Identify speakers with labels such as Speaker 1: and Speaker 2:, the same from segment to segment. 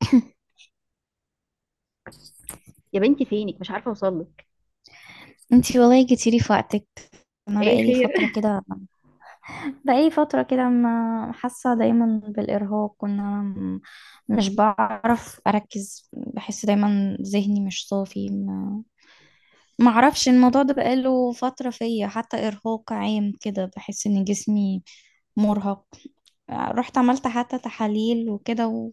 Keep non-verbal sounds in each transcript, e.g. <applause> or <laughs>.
Speaker 1: <laughs>
Speaker 2: يا بنتي فينك مش عارفة اوصلك.
Speaker 1: انتي والله جيتي لي في وقتك. انا
Speaker 2: ايه
Speaker 1: بقالي
Speaker 2: خير؟
Speaker 1: فتره
Speaker 2: <laughs>
Speaker 1: كده بقالي فتره كده ما حاسه دايما بالارهاق، وان انا مش بعرف اركز. بحس دايما ذهني مش صافي. ما ما اعرفش، الموضوع ده بقاله فتره فيا، حتى ارهاق عام كده، بحس ان جسمي مرهق. رحت عملت حتى تحاليل وكده،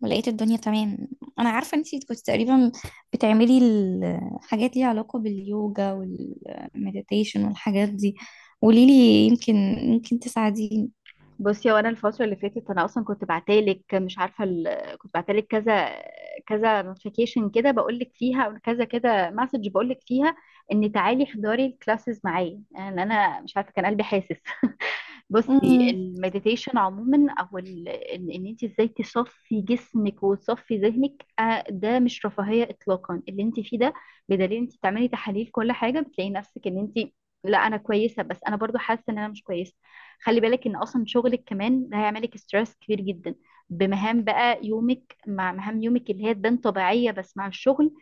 Speaker 1: ولقيت الدنيا تمام. انا عارفه ان انتي كنت تقريبا بتعملي الحاجات ليها علاقه باليوجا والمديتيشن والحاجات دي. قوليلي، يمكن تساعديني.
Speaker 2: بصي، وانا الفترة اللي فاتت انا اصلا كنت بعتلك، مش عارفة كنت بعتلك كذا نوتيفيكيشن كده بقول لك فيها، او كذا كده مسج بقول لك فيها ان تعالي احضري الكلاسز معايا. يعني انا مش عارفة، كان قلبي حاسس. <laughs> بصي،
Speaker 1: امم.
Speaker 2: المديتيشن عموما، او ال- ان إن انت ازاي تصفي جسمك وتصفي ذهنك ده مش رفاهية اطلاقا اللي انت فيه ده. بدليل انت تعملي تحاليل كل حاجة بتلاقي نفسك ان انت، لا انا كويسة، بس انا برضو حاسة ان انا مش كويسة. خلي بالك ان اصلا شغلك كمان ده هيعملك ستريس كبير جدا، بمهام بقى يومك، مع مهام يومك اللي هي تبان طبيعية بس مع الشغل.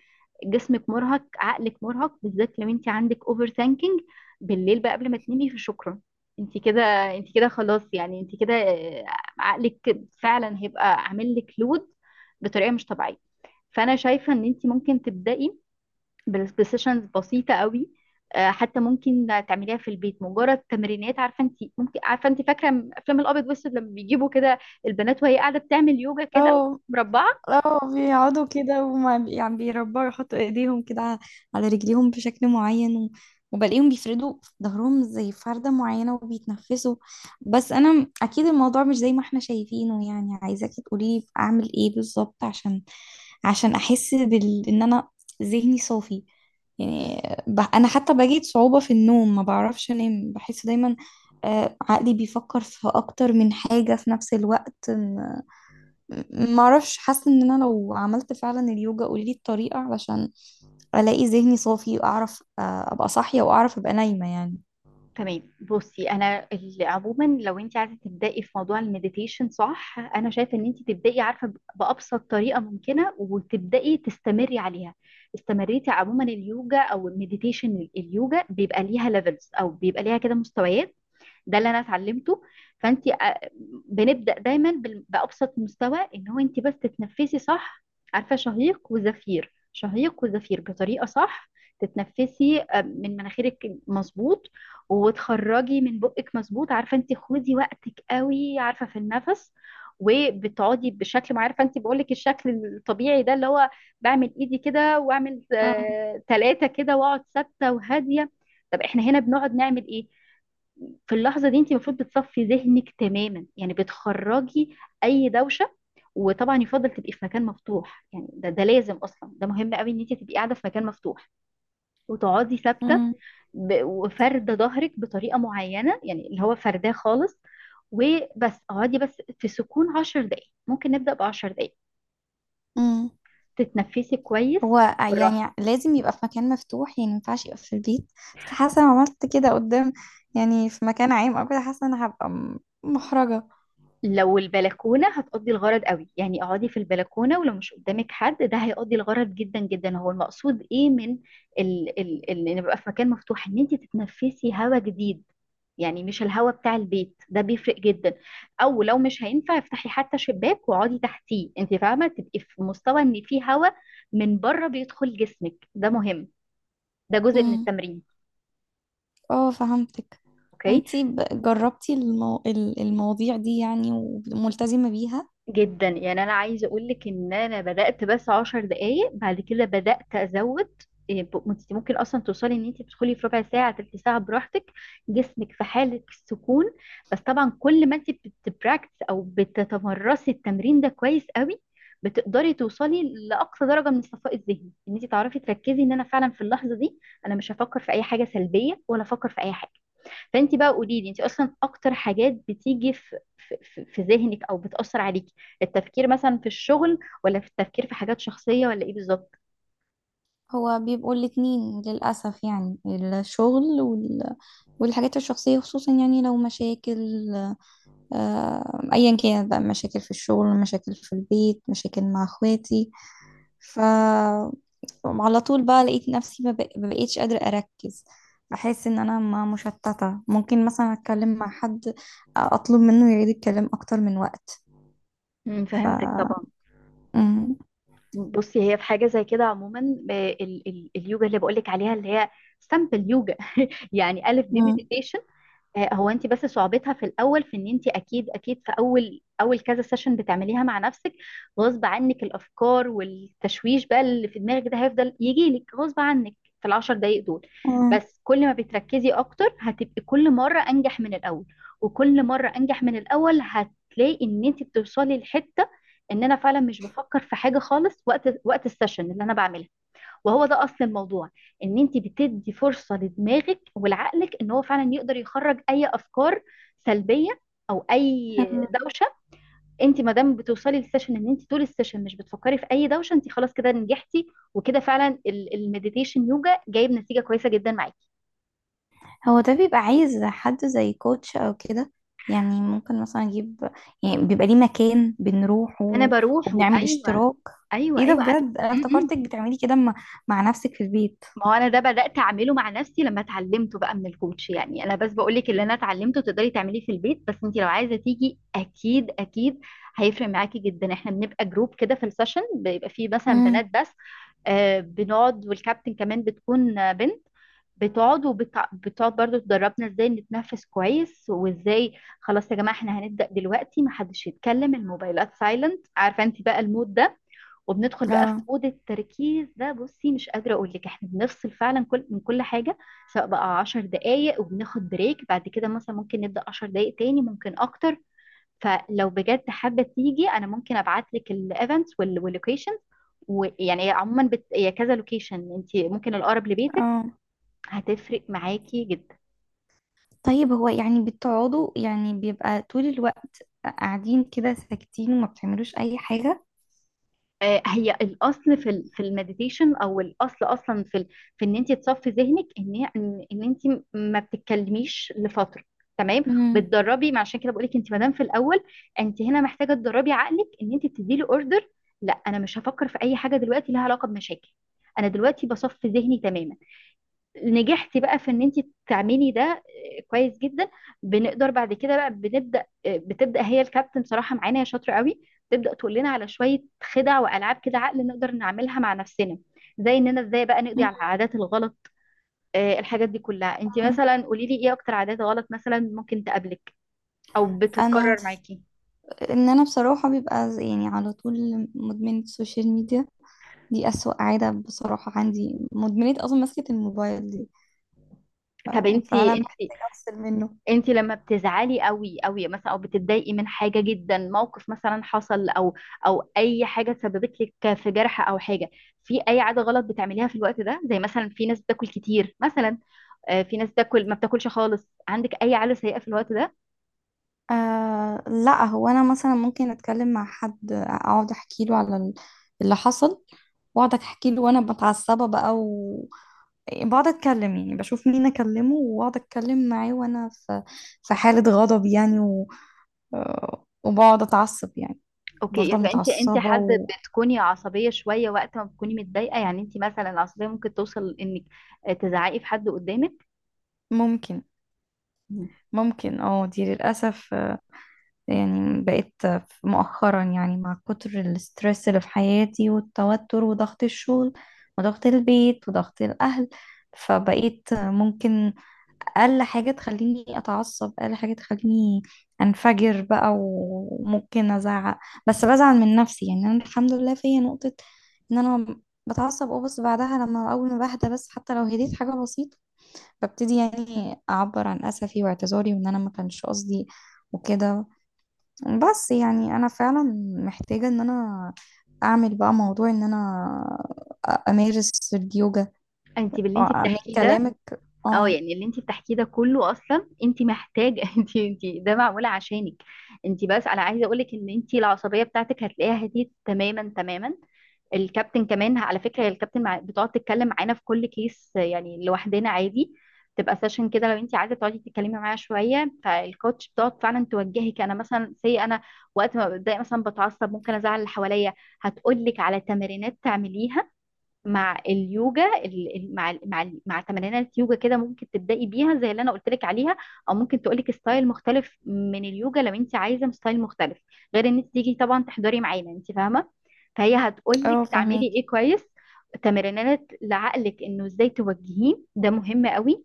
Speaker 2: جسمك مرهق، عقلك مرهق، بالذات لو انت عندك اوفر ثانكينج بالليل بقى قبل ما تنامي في شكرا. انت كده، انت كده خلاص، يعني انت كده عقلك فعلا هيبقى عامل لك لود بطريقه مش طبيعيه. فانا شايفه ان انت ممكن تبداي بسيشنز بسيطه قوي، حتى ممكن تعمليها في البيت، مجرد تمرينات. عارفه انت ممكن، عارفه انت فاكره افلام الابيض والاسود لما بيجيبوا كده البنات، وهي قاعده بتعمل يوجا كده،
Speaker 1: اه.
Speaker 2: مربعه.
Speaker 1: اه، بيقعدوا كده، وما بي- يعني بيربعوا، يحطوا ايديهم كده على رجليهم بشكل معين، وبلاقيهم بيفردوا ظهرهم زي فردة معينة وبيتنفسوا. بس انا اكيد الموضوع مش زي ما احنا شايفينه، يعني عايزاكي تقولي لي اعمل ايه بالظبط، عشان احس بال ان انا ذهني صافي. يعني انا حتى بجد صعوبة في النوم، ما بعرفش انام، بحس دايما عقلي بيفكر في اكتر من حاجة في نفس الوقت. ما اعرفش، حاسه ان انا لو عملت فعلا اليوجا، قولي الطريقه علشان الاقي ذهني صافي، واعرف ابقى صاحيه، واعرف ابقى نايمه يعني.
Speaker 2: تمام، بصي انا عموما لو انت عايزه تبداي في موضوع المديتيشن صح، انا شايفه ان انت تبداي، عارفه، بابسط طريقه ممكنه، وتبداي تستمري عليها. استمريتي، عموما اليوجا او المديتيشن، اليوجا بيبقى ليها ليفلز، او بيبقى ليها كده مستويات. ده اللي انا اتعلمته. فانت بنبدا دايما بابسط مستوى، ان هو انت بس تتنفسي صح. عارفه، شهيق وزفير، شهيق وزفير بطريقه صح. تتنفسي من مناخيرك، مظبوط، وتخرجي من بقك، مظبوط. عارفه انت خدي وقتك قوي عارفه في النفس، وبتقعدي بشكل، ما عارفه انت بقول لك الشكل الطبيعي ده اللي هو بعمل ايدي كده، واعمل
Speaker 1: اه.
Speaker 2: ثلاثه كده، واقعد ثابته وهاديه. طب احنا هنا بنقعد نعمل ايه؟ في اللحظة دي انت المفروض بتصفي ذهنك تماما، يعني بتخرجي اي دوشة. وطبعا يفضل تبقي في مكان مفتوح، يعني ده لازم اصلا، ده مهم قوي ان انت تبقي قاعدة في مكان مفتوح وتقعدي ثابتة،
Speaker 1: مم.
Speaker 2: وفاردة ظهرك بطريقة معينة، يعني اللي هو فرداه خالص. وبس اقعدي بس في سكون 10 دقايق، ممكن نبدأ ب 10 دقايق،
Speaker 1: امم.
Speaker 2: تتنفسي كويس،
Speaker 1: هو
Speaker 2: بالراحة.
Speaker 1: يعني لازم يبقى في مكان مفتوح؟ يعني ما ينفعش يبقى في البيت؟ بس حاسه لو عملت كده قدام، يعني في مكان عام او كده، حاسه ان انا هبقى محرجه.
Speaker 2: لو البلكونه هتقضي الغرض قوي، يعني اقعدي في البلكونه، ولو مش قدامك حد ده هيقضي الغرض جدا جدا. هو المقصود ايه من ال ان يبقى في مكان مفتوح، ان انت تتنفسي هواء جديد، يعني مش الهواء بتاع البيت، ده بيفرق جدا. او لو مش هينفع، افتحي حتى شباك واقعدي تحتيه، انت فاهمه، تبقي في مستوى ان في هواء من بره بيدخل جسمك، ده مهم، ده جزء من
Speaker 1: امم.
Speaker 2: التمرين.
Speaker 1: اه، فهمتك.
Speaker 2: اوكي،
Speaker 1: وانتي جربتي المواضيع دي يعني؟ وملتزمه بيها؟
Speaker 2: جدا يعني، انا عايزه اقول لك ان انا بدات بس 10 دقائق، بعد كده بدات ازود. إيه، انت ممكن اصلا توصلي ان انت تدخلي في ربع ساعة، ثلث ساعة براحتك، جسمك في حاله السكون. بس طبعا كل ما انت بتبراكتس، او بتتمرسي التمرين ده كويس قوي، بتقدري توصلي لاقصى درجه من الصفاء الذهني، ان انت تعرفي تركزي ان انا فعلا في اللحظه دي انا مش هفكر في اي حاجه سلبيه، ولا افكر في اي حاجه. فانت بقى قولي لي، انت اصلا اكتر حاجات بتيجي في في ذهنك، او بتأثر عليكي، التفكير مثلا في الشغل، ولا في التفكير في حاجات شخصية، ولا ايه بالظبط؟
Speaker 1: هو بيبقوا الاتنين للأسف، يعني الشغل والحاجات الشخصية، خصوصا يعني لو مشاكل، أيا كانت بقى، مشاكل في الشغل، مشاكل في البيت، مشاكل مع اخواتي. ف على طول بقى لقيت نفسي ما بقيتش قادرة أركز. بحس إن أنا ما مشتتة، ممكن مثلا أتكلم مع حد، أطلب منه يعيد الكلام أكتر من وقت.
Speaker 2: امم،
Speaker 1: ف
Speaker 2: فهمتك طبعا.
Speaker 1: مم.
Speaker 2: بصي، هي في حاجة زي كده عموما، ال اليوجا اللي بقولك عليها، اللي هي سامبل يوجا. <laughs> يعني ألف دي
Speaker 1: مم.
Speaker 2: meditation. هو انت بس صعوبتها في الاول، في ان انت اكيد اكيد، في اول كذا سيشن بتعمليها مع نفسك، غصب عنك الافكار والتشويش بقى اللي في دماغك ده هيفضل يجي لك غصب عنك في ال 10 دقايق دول. بس كل ما بتركزي اكتر، هتبقي كل مره انجح من الاول، وكل مره انجح من الاول هتلاقي ان انت بتوصلي لحته ان انا فعلا مش بفكر في حاجه خالص وقت السيشن اللي انا بعملها. وهو ده اصل الموضوع، ان انت بتدي فرصه لدماغك ولعقلك ان هو فعلا يقدر يخرج اي افكار سلبيه، او اي
Speaker 1: مم.
Speaker 2: دوشه. انت ما دام بتوصلي للسيشن ان انت طول السيشن مش بتفكري في اي دوشه، انت خلاص كده نجحتي، وكده فعلا المديتيشن يوجا جايب نتيجه كويسه جدا معاكي.
Speaker 1: هو ده بيبقى عايز حد زي كوتش او كده؟ يعني ممكن مثلا اجيب؟ يعني بيبقى ليه مكان بنروحه
Speaker 2: انا بروح،
Speaker 1: وبنعمل
Speaker 2: وايوه
Speaker 1: اشتراك؟
Speaker 2: ايوه
Speaker 1: ايه ده؟
Speaker 2: ايوه، انا،
Speaker 1: بجد انا افتكرتك بتعملي كده مع نفسك في البيت.
Speaker 2: ما هو انا ده بدات اعمله مع نفسي لما اتعلمته بقى من الكوتش. يعني انا بس بقول لك اللي انا اتعلمته تقدري تعمليه في البيت، بس انت لو عايزه تيجي، اكيد اكيد هيفرق معاكي جدا. احنا بنبقى جروب كده، في السيشن بيبقى فيه مثلا بنات
Speaker 1: امم.
Speaker 2: بس، آه، بنقعد، والكابتن كمان بتكون بنت، بتقعد، وبتقعد برضو تدربنا ازاي نتنفس كويس، وازاي، خلاص يا جماعه احنا هنبدا دلوقتي، محدش يتكلم، الموبايلات سايلنت، عارفه انت بقى المود ده، وبندخل بقى في
Speaker 1: اه.
Speaker 2: مود التركيز ده. بصي، مش قادرة أقول لك، إحنا بنفصل فعلا كل من كل حاجة، سواء بقى 10 دقايق، وبناخد بريك بعد كده، مثلا ممكن نبدأ 10 دقايق تاني، ممكن أكتر. فلو بجد حابة تيجي أنا ممكن أبعت لك الإيفنتس واللوكيشن، ويعني عموما هي كذا لوكيشن، أنت ممكن الأقرب لبيتك،
Speaker 1: اه،
Speaker 2: هتفرق معاكي جدا.
Speaker 1: طيب، هو يعني بتقعدوا، يعني بيبقى طول الوقت قاعدين كده ساكتين وما بتعملوش اي حاجة؟
Speaker 2: هي الاصل في في المديتيشن، او الاصل اصلا في في ان انت تصفي ذهنك، ان ان إن انت ما بتتكلميش لفتره، تمام،
Speaker 1: امم.
Speaker 2: بتدربي. ما عشان كده بقول لك، انت ما دام في الاول، انت هنا محتاجه تدربي عقلك، ان انت بتدي له اوردر، لا انا مش هفكر في اي حاجه دلوقتي لها علاقه بمشاكل، انا دلوقتي بصفي ذهني تماما. نجحتي بقى في ان انت تعملي ده، كويس جدا. بنقدر بعد كده بقى بنبدا، بتبدا هي الكابتن بصراحه معانا، هي شاطره قوي، تبدا تقول لنا على شويه خدع والعاب كده عقل نقدر نعملها مع نفسنا، زي اننا ازاي بقى نقضي
Speaker 1: مم.
Speaker 2: على العادات الغلط. الحاجات دي كلها، انت مثلا قولي لي ايه اكتر عادات غلط مثلا ممكن تقابلك، او
Speaker 1: انا
Speaker 2: بتتكرر معاكي.
Speaker 1: ان انا بصراحة بيبقى يعني على طول مدمنة السوشيال ميديا. دي أسوأ عادة بصراحة، عندي مدمنية أصلا مسكة الموبايل دي. ف...
Speaker 2: طب انت،
Speaker 1: فأنا
Speaker 2: انت
Speaker 1: محتاجة أفصل منه.
Speaker 2: انت لما بتزعلي قوي قوي مثلا، او بتتضايقي من حاجه جدا، موقف مثلا حصل، او او اي حاجه سببت لك في جرح، او حاجه، في اي عاده غلط بتعمليها في الوقت ده؟ زي مثلا في ناس بتاكل كتير مثلا، في ناس بتاكل، ما بتاكلش خالص. عندك اي عاده سيئه في الوقت ده؟
Speaker 1: آه لا، هو أنا مثلا ممكن أتكلم مع حد، أقعد أحكي له على اللي حصل، وأقعد أحكي له وأنا متعصبة بقى، بقعد أتكلم، يعني بشوف مين أكلمه وأقعد أتكلم معاه وأنا في في حالة غضب يعني، وبقعد أتعصب يعني،
Speaker 2: اوكي،
Speaker 1: بفضل
Speaker 2: يبقى انت
Speaker 1: متعصبة.
Speaker 2: حد بتكوني عصبيه شويه وقت ما بتكوني متضايقه. يعني انت مثلا العصبيه ممكن توصل انك تزعقي في حد قدامك.
Speaker 1: وممكن.
Speaker 2: مم.
Speaker 1: اه، دي للأسف يعني، بقيت مؤخرا، يعني مع كتر الاسترس اللي في حياتي والتوتر وضغط الشغل وضغط البيت وضغط الأهل، فبقيت ممكن أقل حاجة تخليني أتعصب، أقل حاجة تخليني أنفجر بقى وممكن أزعق. بس بزعل من نفسي، يعني أنا الحمد لله فيا نقطة إن أنا بتعصب، اه، بس بعدها لما أول ما بهدى، بس حتى لو هديت حاجة بسيطة، ببتدي يعني أعبر عن أسفي واعتذاري وإن أنا ما كانش قصدي وكده. بس يعني انا فعلا محتاجة ان انا اعمل بقى موضوع ان انا امارس اليوجا.
Speaker 2: انت باللي انت
Speaker 1: آه، من
Speaker 2: بتحكيه ده،
Speaker 1: كلامك.
Speaker 2: اه
Speaker 1: اه،
Speaker 2: يعني اللي انت بتحكيه ده كله، اصلا انت محتاجه <laughs> انت، ده معموله عشانك انت بس. انا عايزه اقولك ان انت العصبيه بتاعتك هتلاقيها هديت تماما تماما. الكابتن كمان على فكره، هي الكابتن بتقعد تتكلم معانا في كل كيس يعني، لوحدنا عادي، تبقى سيشن كده لو انت عايزه تقعدي تتكلمي معايا شويه، فالكوتش بتقعد فعلا توجهك. انا مثلا سي، انا وقت ما بتضايق مثلا بتعصب، ممكن ازعل اللي حواليا، هتقولك على تمرينات تعمليها مع اليوجا، مع تمرينات يوجا كده ممكن تبدأي بيها زي اللي انا قلت لك عليها، او ممكن تقول لك ستايل مختلف من اليوجا لو انت عايزه ستايل مختلف، غير ان انت تيجي طبعا تحضري معانا، انت فاهمه. فهي هتقول لك
Speaker 1: اه،
Speaker 2: تعملي
Speaker 1: فهمك.
Speaker 2: ايه، كويس، تمرينات لعقلك انه ازاي توجهيه، ده مهم قوي.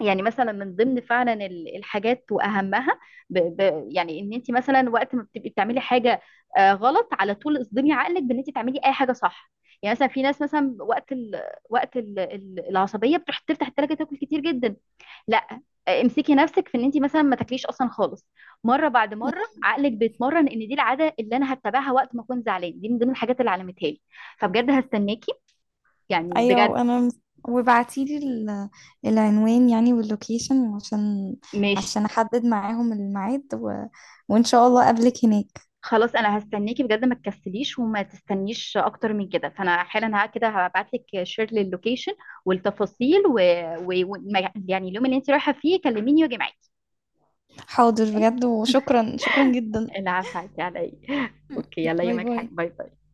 Speaker 2: يعني مثلا من ضمن فعلا الحاجات واهمها، يعني ان انت مثلا وقت ما بتبقي بتعملي حاجه غلط، على طول اصدمي عقلك بان انت تعملي اي حاجه صح. يعني مثلا في ناس مثلا العصبيه بتروح تفتح التلاجه تاكل كتير جدا، لا، امسكي نفسك في ان انت مثلا ما تاكليش اصلا خالص. مره بعد مره عقلك بيتمرن ان دي العاده اللي انا هتبعها وقت ما اكون زعلان، دي من ضمن الحاجات اللي علمتها لي. فبجد هستناكي، يعني بجد.
Speaker 1: ايوه، انا. وبعتيلي العنوان، يعني واللوكيشن، عشان
Speaker 2: ماشي،
Speaker 1: احدد معاهم الميعاد، وان شاء الله اقابلك هناك.
Speaker 2: خلاص انا هستناكي بجد، ما تكسليش وما تستنيش اكتر من كده. فانا حالا ها كده هبعت لك شير للوكيشن والتفاصيل و... و... و... ما- يعني اليوم اللي انت رايحه فيه كلميني واجي معاكي.
Speaker 1: حاضر
Speaker 2: تمام؟
Speaker 1: بجد، وشكرا شكرا جدا.
Speaker 2: العفو عليكي على ايه. <laughs> اوكي،
Speaker 1: <laughs>
Speaker 2: يلا
Speaker 1: باي
Speaker 2: يومك
Speaker 1: باي.
Speaker 2: حلو، باي باي.